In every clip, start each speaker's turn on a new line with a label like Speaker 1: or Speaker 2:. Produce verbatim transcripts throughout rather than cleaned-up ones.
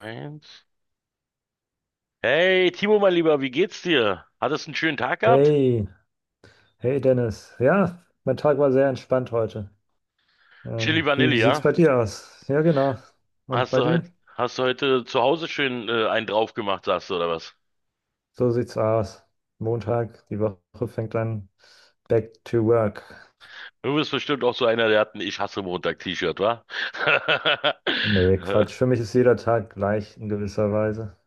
Speaker 1: Eins. Hey, Timo, mein Lieber, wie geht's dir? Hattest du einen schönen Tag gehabt?
Speaker 2: Hey, hey Dennis. Ja, mein Tag war sehr entspannt heute.
Speaker 1: Chili
Speaker 2: Ähm, wie,
Speaker 1: Vanille,
Speaker 2: wie sieht's
Speaker 1: ja?
Speaker 2: bei dir aus? Ja, genau. Und
Speaker 1: Hast
Speaker 2: bei
Speaker 1: du heute,
Speaker 2: dir?
Speaker 1: Hast du heute zu Hause schön äh, einen drauf gemacht, sagst du, oder was?
Speaker 2: So sieht's aus. Montag, die Woche fängt an. Back to work.
Speaker 1: Du bist bestimmt auch so einer, der hat ein Ich hasse Montag-T-Shirt, wa?
Speaker 2: Nee, Quatsch. Für mich ist jeder Tag gleich in gewisser Weise.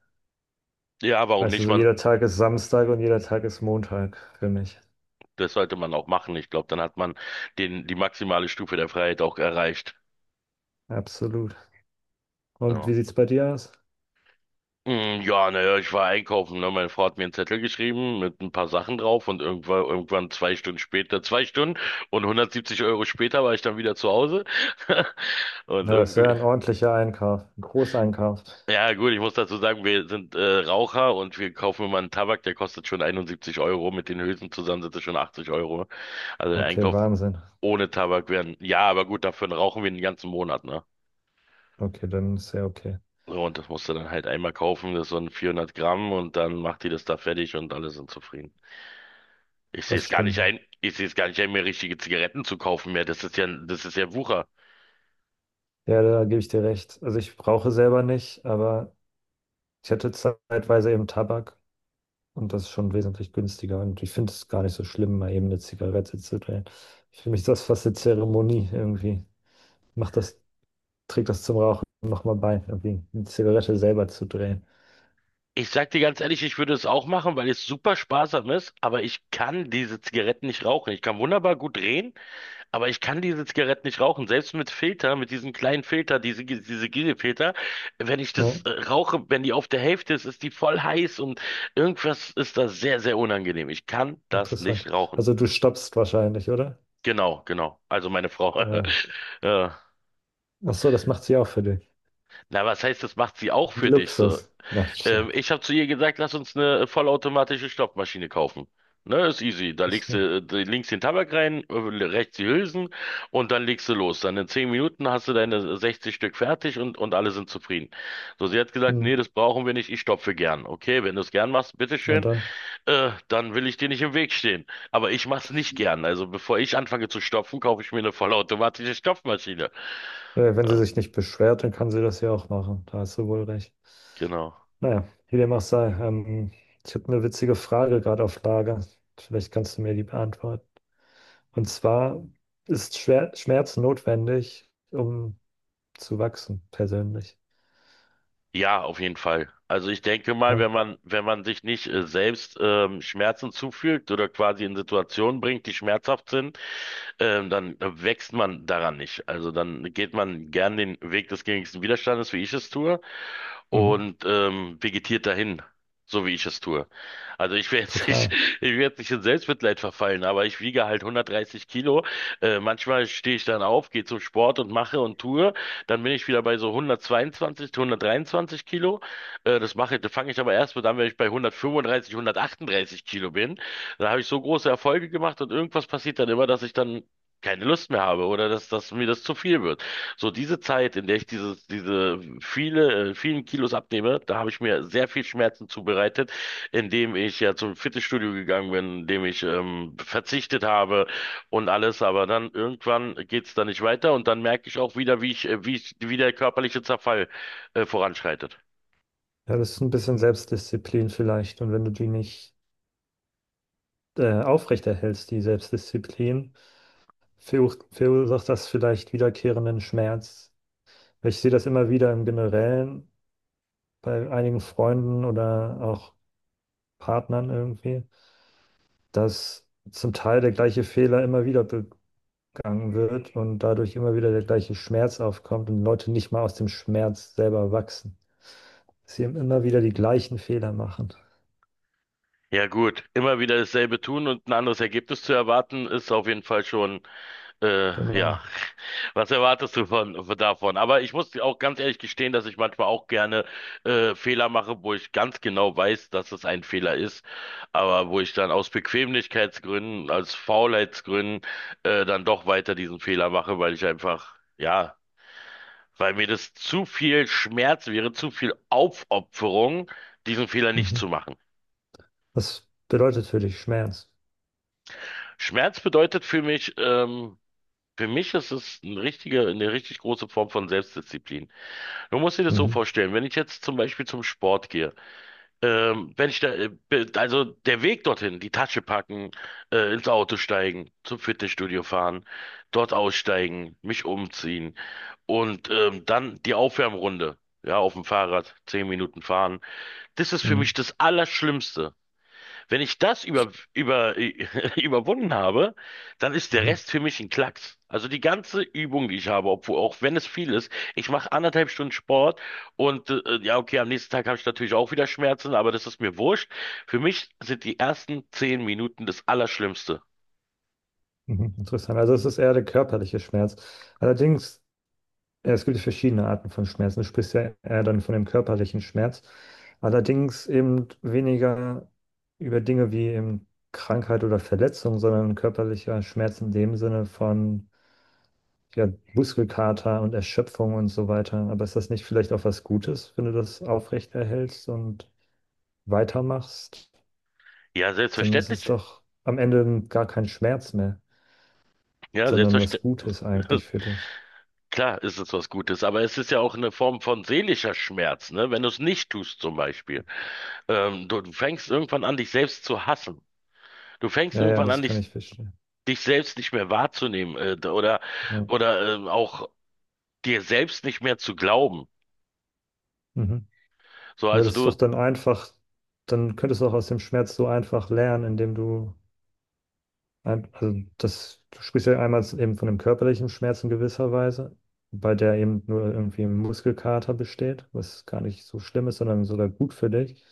Speaker 1: Ja, warum
Speaker 2: Weißt du,
Speaker 1: nicht?
Speaker 2: so
Speaker 1: Man,
Speaker 2: jeder Tag ist Samstag und jeder Tag ist Montag für mich.
Speaker 1: das sollte man auch machen. Ich glaube, dann hat man den, die maximale Stufe der Freiheit auch erreicht.
Speaker 2: Absolut. Und
Speaker 1: So.
Speaker 2: wie sieht's bei dir aus?
Speaker 1: Mm, ja, naja, ich war einkaufen, ne? Meine Frau hat mir einen Zettel geschrieben mit ein paar Sachen drauf und irgendwann, irgendwann zwei Stunden später, zwei Stunden und hundertsiebzig Euro später war ich dann wieder zu Hause. Und
Speaker 2: Ja, das ist ja
Speaker 1: irgendwie,
Speaker 2: ein ordentlicher Einkauf, ein Großeinkauf.
Speaker 1: ja gut, ich muss dazu sagen, wir sind äh, Raucher und wir kaufen immer einen Tabak, der kostet schon einundsiebzig Euro. Mit den Hülsen zusammen sind es schon achtzig Euro. Also der
Speaker 2: Okay,
Speaker 1: Einkauf
Speaker 2: Wahnsinn.
Speaker 1: ohne Tabak wären, ja, aber gut, dafür rauchen wir den ganzen Monat, ne?
Speaker 2: Okay, dann ist ja okay.
Speaker 1: So, und das musst du dann halt einmal kaufen, das ist so ein vierhundert Gramm und dann macht die das da fertig und alle sind zufrieden. Ich sehe
Speaker 2: Das
Speaker 1: es gar nicht
Speaker 2: stimmt.
Speaker 1: ein, ich sehe es gar nicht ein, mir richtige Zigaretten zu kaufen mehr. Das ist ja, das ist ja Wucher.
Speaker 2: Ja, da gebe ich dir recht. Also ich rauche selber nicht, aber ich hatte zeitweise eben Tabak und das ist schon wesentlich günstiger. Und ich finde es gar nicht so schlimm, mal eben eine Zigarette zu drehen. Für mich ist das fast eine Zeremonie irgendwie. Macht das, Trägt das zum Rauchen nochmal bei, irgendwie eine Zigarette selber zu drehen.
Speaker 1: Ich sag dir ganz ehrlich, ich würde es auch machen, weil es super sparsam ist, aber ich kann diese Zigaretten nicht rauchen. Ich kann wunderbar gut drehen, aber ich kann diese Zigaretten nicht rauchen. Selbst mit Filter, mit diesem kleinen Filter, diese, diese Gigefilter, wenn ich
Speaker 2: Ja,
Speaker 1: das äh, rauche, wenn die auf der Hälfte ist, ist die voll heiß und irgendwas ist da sehr, sehr unangenehm. Ich kann das
Speaker 2: interessant.
Speaker 1: nicht rauchen.
Speaker 2: Also du stoppst wahrscheinlich, oder?
Speaker 1: Genau, genau. Also meine Frau.
Speaker 2: Ja.
Speaker 1: äh,
Speaker 2: Ach so, das macht sie auch für dich.
Speaker 1: Na, was heißt, das macht sie auch für dich so?
Speaker 2: Luxus. Nein, Scherz.
Speaker 1: Ähm, ich habe zu ihr gesagt, lass uns eine vollautomatische Stopfmaschine kaufen. Ne, ist easy. Da
Speaker 2: Ach
Speaker 1: legst du
Speaker 2: so.
Speaker 1: äh, links den Tabak rein, äh, rechts die Hülsen und dann legst du los. Dann in zehn Minuten hast du deine sechzig Stück fertig und, und alle sind zufrieden. So, sie hat gesagt,
Speaker 2: Hm.
Speaker 1: nee, das brauchen wir nicht, ich stopfe gern. Okay, wenn du es gern machst,
Speaker 2: Na
Speaker 1: bitteschön,
Speaker 2: dann.
Speaker 1: äh, dann will ich dir nicht im Weg stehen. Aber ich mach's nicht gern. Also bevor ich anfange zu stopfen, kaufe ich mir eine vollautomatische Stopfmaschine.
Speaker 2: Äh, Wenn sie
Speaker 1: Ja,
Speaker 2: sich nicht beschwert, dann kann sie das ja auch machen. Da hast du wohl recht.
Speaker 1: genau.
Speaker 2: Naja, wie dem auch sei. Ähm, ich habe eine witzige Frage gerade auf Lager. Vielleicht kannst du mir die beantworten. Und zwar ist Schwer Schmerz notwendig, um zu wachsen, persönlich.
Speaker 1: Ja, auf jeden Fall. Also ich denke mal,
Speaker 2: Ja,
Speaker 1: wenn man, wenn man sich nicht äh, selbst ähm, Schmerzen zufügt oder quasi in Situationen bringt, die schmerzhaft sind, ähm, dann äh, wächst man daran nicht. Also dann geht man gern den Weg des geringsten Widerstandes, wie ich es tue
Speaker 2: mhm.
Speaker 1: und ähm, vegetiert dahin, so wie ich es tue. Also ich werde jetzt nicht,
Speaker 2: Total.
Speaker 1: ich werde nicht in Selbstmitleid verfallen, aber ich wiege halt hundertdreißig Kilo. Äh, manchmal stehe ich dann auf, gehe zum Sport und mache und tue. Dann bin ich wieder bei so hundertzweiundzwanzig, hundertdreiundzwanzig Kilo. Äh, das mache, das fange ich aber erst mit an, wenn ich bei hundertfünfunddreißig, hundertachtunddreißig Kilo bin. Da habe ich so große Erfolge gemacht und irgendwas passiert dann immer, dass ich dann keine Lust mehr habe oder dass, dass mir das zu viel wird. So diese Zeit, in der ich dieses, diese viele, äh, vielen Kilos abnehme, da habe ich mir sehr viel Schmerzen zubereitet, indem ich ja zum Fitnessstudio gegangen bin, indem ich ähm, verzichtet habe und alles. Aber dann irgendwann geht es da nicht weiter und dann merke ich auch wieder, wie ich, äh, wie ich, wie der körperliche Zerfall äh, voranschreitet.
Speaker 2: Ja, das ist ein bisschen Selbstdisziplin vielleicht. Und wenn du die nicht äh, aufrechterhältst, die Selbstdisziplin, verursacht das vielleicht wiederkehrenden Schmerz. Ich sehe das immer wieder im Generellen bei einigen Freunden oder auch Partnern irgendwie, dass zum Teil der gleiche Fehler immer wieder begangen wird und dadurch immer wieder der gleiche Schmerz aufkommt und Leute nicht mal aus dem Schmerz selber wachsen. Sie immer wieder die gleichen Fehler machen.
Speaker 1: Ja gut, immer wieder dasselbe tun und ein anderes Ergebnis zu erwarten, ist auf jeden Fall schon, äh, ja.
Speaker 2: Genau.
Speaker 1: Was erwartest du von, von davon? Aber ich muss auch ganz ehrlich gestehen, dass ich manchmal auch gerne äh, Fehler mache, wo ich ganz genau weiß, dass es ein Fehler ist, aber wo ich dann aus Bequemlichkeitsgründen, aus Faulheitsgründen äh, dann doch weiter diesen Fehler mache, weil ich einfach, ja, weil mir das zu viel Schmerz wäre, zu viel Aufopferung, diesen Fehler nicht
Speaker 2: Mhm.
Speaker 1: zu machen.
Speaker 2: Was bedeutet für dich Schmerz?
Speaker 1: Schmerz bedeutet für mich, ähm, für mich ist es ein richtige, eine richtig große Form von Selbstdisziplin. Du musst dir das so
Speaker 2: Mhm.
Speaker 1: vorstellen, wenn ich jetzt zum Beispiel zum Sport gehe, ähm, wenn ich da, äh, be- also der Weg dorthin, die Tasche packen, äh, ins Auto steigen, zum Fitnessstudio fahren, dort aussteigen, mich umziehen und ähm, dann die Aufwärmrunde, ja, auf dem Fahrrad, zehn Minuten fahren, das ist für
Speaker 2: Mhm.
Speaker 1: mich das Allerschlimmste. Wenn ich das über, über, überwunden habe, dann ist der
Speaker 2: Mhm. Mhm.
Speaker 1: Rest für mich ein Klacks. Also die ganze Übung, die ich habe, obwohl, auch wenn es viel ist, ich mache anderthalb Stunden Sport und äh, ja, okay, am nächsten Tag habe ich natürlich auch wieder Schmerzen, aber das ist mir wurscht. Für mich sind die ersten zehn Minuten das Allerschlimmste.
Speaker 2: Mhm. Interessant. Also es ist eher der körperliche Schmerz. Allerdings. Ja, es gibt ja verschiedene Arten von Schmerzen. Du sprichst ja eher dann von dem körperlichen Schmerz. Allerdings eben weniger über Dinge wie eben Krankheit oder Verletzung, sondern körperlicher Schmerz in dem Sinne von ja, Muskelkater und Erschöpfung und so weiter. Aber ist das nicht vielleicht auch was Gutes, wenn du das aufrechterhältst und weitermachst?
Speaker 1: Ja,
Speaker 2: Dann ist es
Speaker 1: selbstverständlich.
Speaker 2: doch am Ende gar kein Schmerz mehr,
Speaker 1: Ja,
Speaker 2: sondern was
Speaker 1: selbstverständlich.
Speaker 2: Gutes eigentlich für dich.
Speaker 1: Klar ist es was Gutes, aber es ist ja auch eine Form von seelischer Schmerz, ne? Wenn du es nicht tust, zum Beispiel. Ähm, du, du fängst irgendwann an, dich selbst zu hassen. Du fängst
Speaker 2: Ja, ja,
Speaker 1: irgendwann an,
Speaker 2: das kann
Speaker 1: dich,
Speaker 2: ich verstehen.
Speaker 1: dich selbst nicht mehr wahrzunehmen, äh, d- oder,
Speaker 2: Ja.
Speaker 1: oder ähm, auch dir selbst nicht mehr zu glauben.
Speaker 2: Mhm.
Speaker 1: So,
Speaker 2: Aber
Speaker 1: also
Speaker 2: das ist doch
Speaker 1: du,
Speaker 2: dann einfach, dann könntest du auch aus dem Schmerz so einfach lernen, indem du, ein, also das, du sprichst ja einmal eben von dem körperlichen Schmerz in gewisser Weise, bei der eben nur irgendwie ein Muskelkater besteht, was gar nicht so schlimm ist, sondern sogar gut für dich.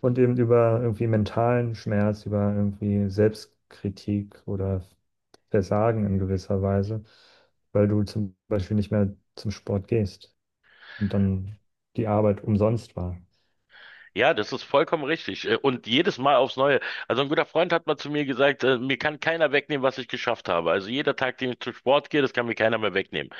Speaker 2: Und eben über irgendwie mentalen Schmerz, über irgendwie Selbstkritik oder Versagen in gewisser Weise, weil du zum Beispiel nicht mehr zum Sport gehst und dann die Arbeit umsonst war.
Speaker 1: ja, das ist vollkommen richtig. Äh, und jedes Mal aufs Neue. Also ein guter Freund hat mal zu mir gesagt, äh, mir kann keiner wegnehmen, was ich geschafft habe. Also jeder Tag, den ich zum Sport gehe, das kann mir keiner mehr wegnehmen.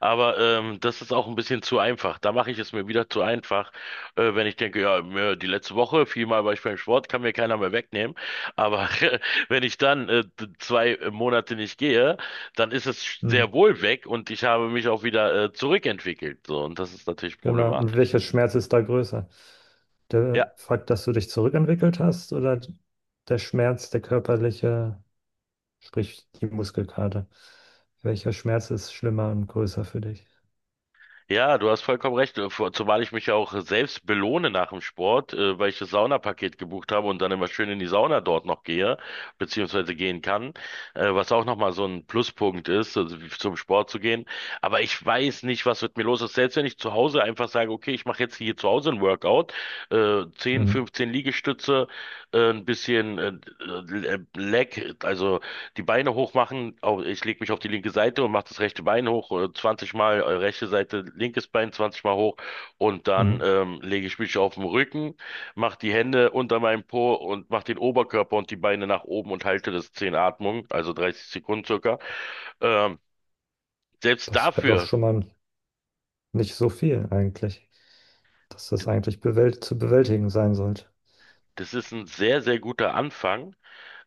Speaker 1: Aber ähm, das ist auch ein bisschen zu einfach. Da mache ich es mir wieder zu einfach, äh, wenn ich denke, ja, mir, die letzte Woche, viermal war ich beim Sport, kann mir keiner mehr wegnehmen. Aber wenn ich dann äh, d- zwei Monate nicht gehe, dann ist es sch- sehr wohl weg und ich habe mich auch wieder äh, zurückentwickelt. So, und das ist natürlich
Speaker 2: Genau. Und
Speaker 1: problematisch.
Speaker 2: welcher Schmerz ist da größer? Der
Speaker 1: Ja,
Speaker 2: Fakt, dass du dich zurückentwickelt hast oder der Schmerz, der körperliche, sprich die Muskelkater? Welcher Schmerz ist schlimmer und größer für dich?
Speaker 1: ja, du hast vollkommen recht. äh, vor- Zumal ich mich ja auch selbst belohne nach dem Sport, äh, weil ich das Saunapaket gebucht habe und dann immer schön in die Sauna dort noch gehe, beziehungsweise gehen kann, äh, was auch nochmal so ein Pluspunkt ist, also wie- zum Sport zu gehen. Aber ich weiß nicht, was mit mir los ist. Selbst wenn ich zu Hause einfach sage, okay, ich mache jetzt hier zu Hause ein Workout, äh, zehn,
Speaker 2: Mhm.
Speaker 1: fünfzehn Liegestütze, äh, ein bisschen äh, Leg, also die Beine hoch machen. Au- Ich lege mich auf die linke Seite und mache das rechte Bein hoch, äh, zwanzig Mal, äh, rechte Seite, linkes Bein zwanzig Mal hoch und dann
Speaker 2: Mhm.
Speaker 1: ähm, lege ich mich auf den Rücken, mache die Hände unter meinem Po und mache den Oberkörper und die Beine nach oben und halte das zehn Atmung, also dreißig Sekunden circa. Ähm, selbst
Speaker 2: Das wäre doch
Speaker 1: dafür,
Speaker 2: schon mal nicht so viel eigentlich, dass das
Speaker 1: d-
Speaker 2: eigentlich bewält zu bewältigen sein sollte.
Speaker 1: das ist ein sehr, sehr guter Anfang.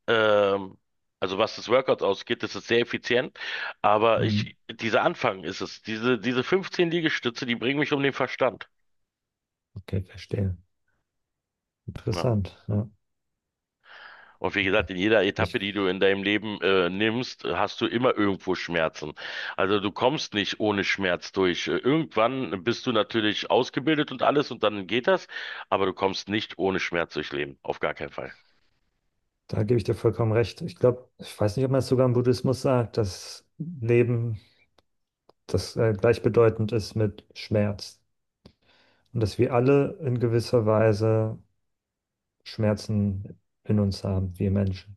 Speaker 1: Ähm, Also was das Workout ausgeht, das ist sehr effizient. Aber
Speaker 2: Mhm.
Speaker 1: ich, dieser Anfang ist es. Diese, diese fünfzehn Liegestütze, die bringen mich um den Verstand.
Speaker 2: Okay, verstehe.
Speaker 1: Ja.
Speaker 2: Interessant. Ja.
Speaker 1: Und wie gesagt, in jeder Etappe,
Speaker 2: Ich,
Speaker 1: die du in deinem Leben äh, nimmst, hast du immer irgendwo Schmerzen. Also du kommst nicht ohne Schmerz durch. Äh, Irgendwann bist du natürlich ausgebildet und alles und dann geht das, aber du kommst nicht ohne Schmerz durchs Leben. Auf gar keinen Fall.
Speaker 2: Da gebe ich dir vollkommen recht. Ich glaube, ich weiß nicht, ob man es sogar im Buddhismus sagt, dass Leben das äh, gleichbedeutend ist mit Schmerz. Und dass wir alle in gewisser Weise Schmerzen in uns haben, wir Menschen.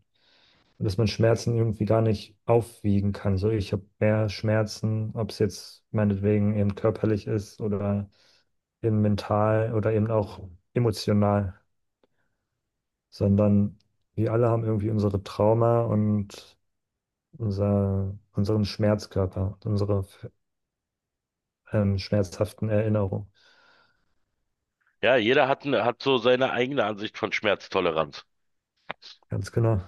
Speaker 2: Und dass man Schmerzen irgendwie gar nicht aufwiegen kann. So, ich habe mehr Schmerzen, ob es jetzt meinetwegen eben körperlich ist oder eben mental oder eben auch emotional, sondern wir alle haben irgendwie unsere Trauma und unser, unseren Schmerzkörper, unsere ähm, schmerzhaften Erinnerungen.
Speaker 1: Ja, jeder hat, ne- hat so seine eigene Ansicht von Schmerztoleranz.
Speaker 2: Ganz genau.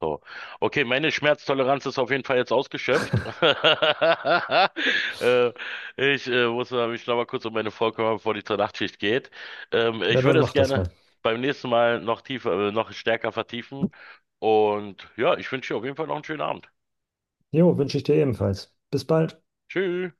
Speaker 1: So. Okay, meine Schmerztoleranz ist auf jeden Fall jetzt ausgeschöpft. äh, ich äh, muss mal- mich noch mal kurz um meine Frau kümmern, bevor die zur Nachtschicht geht. Ähm,
Speaker 2: Ja,
Speaker 1: ich
Speaker 2: dann
Speaker 1: würde es
Speaker 2: mach das mal.
Speaker 1: gerne beim nächsten Mal noch tiefer, äh, noch stärker vertiefen. Und ja, ich wünsche dir auf jeden Fall noch einen schönen Abend.
Speaker 2: Jo, wünsche ich dir ebenfalls. Bis bald.
Speaker 1: Tschüss.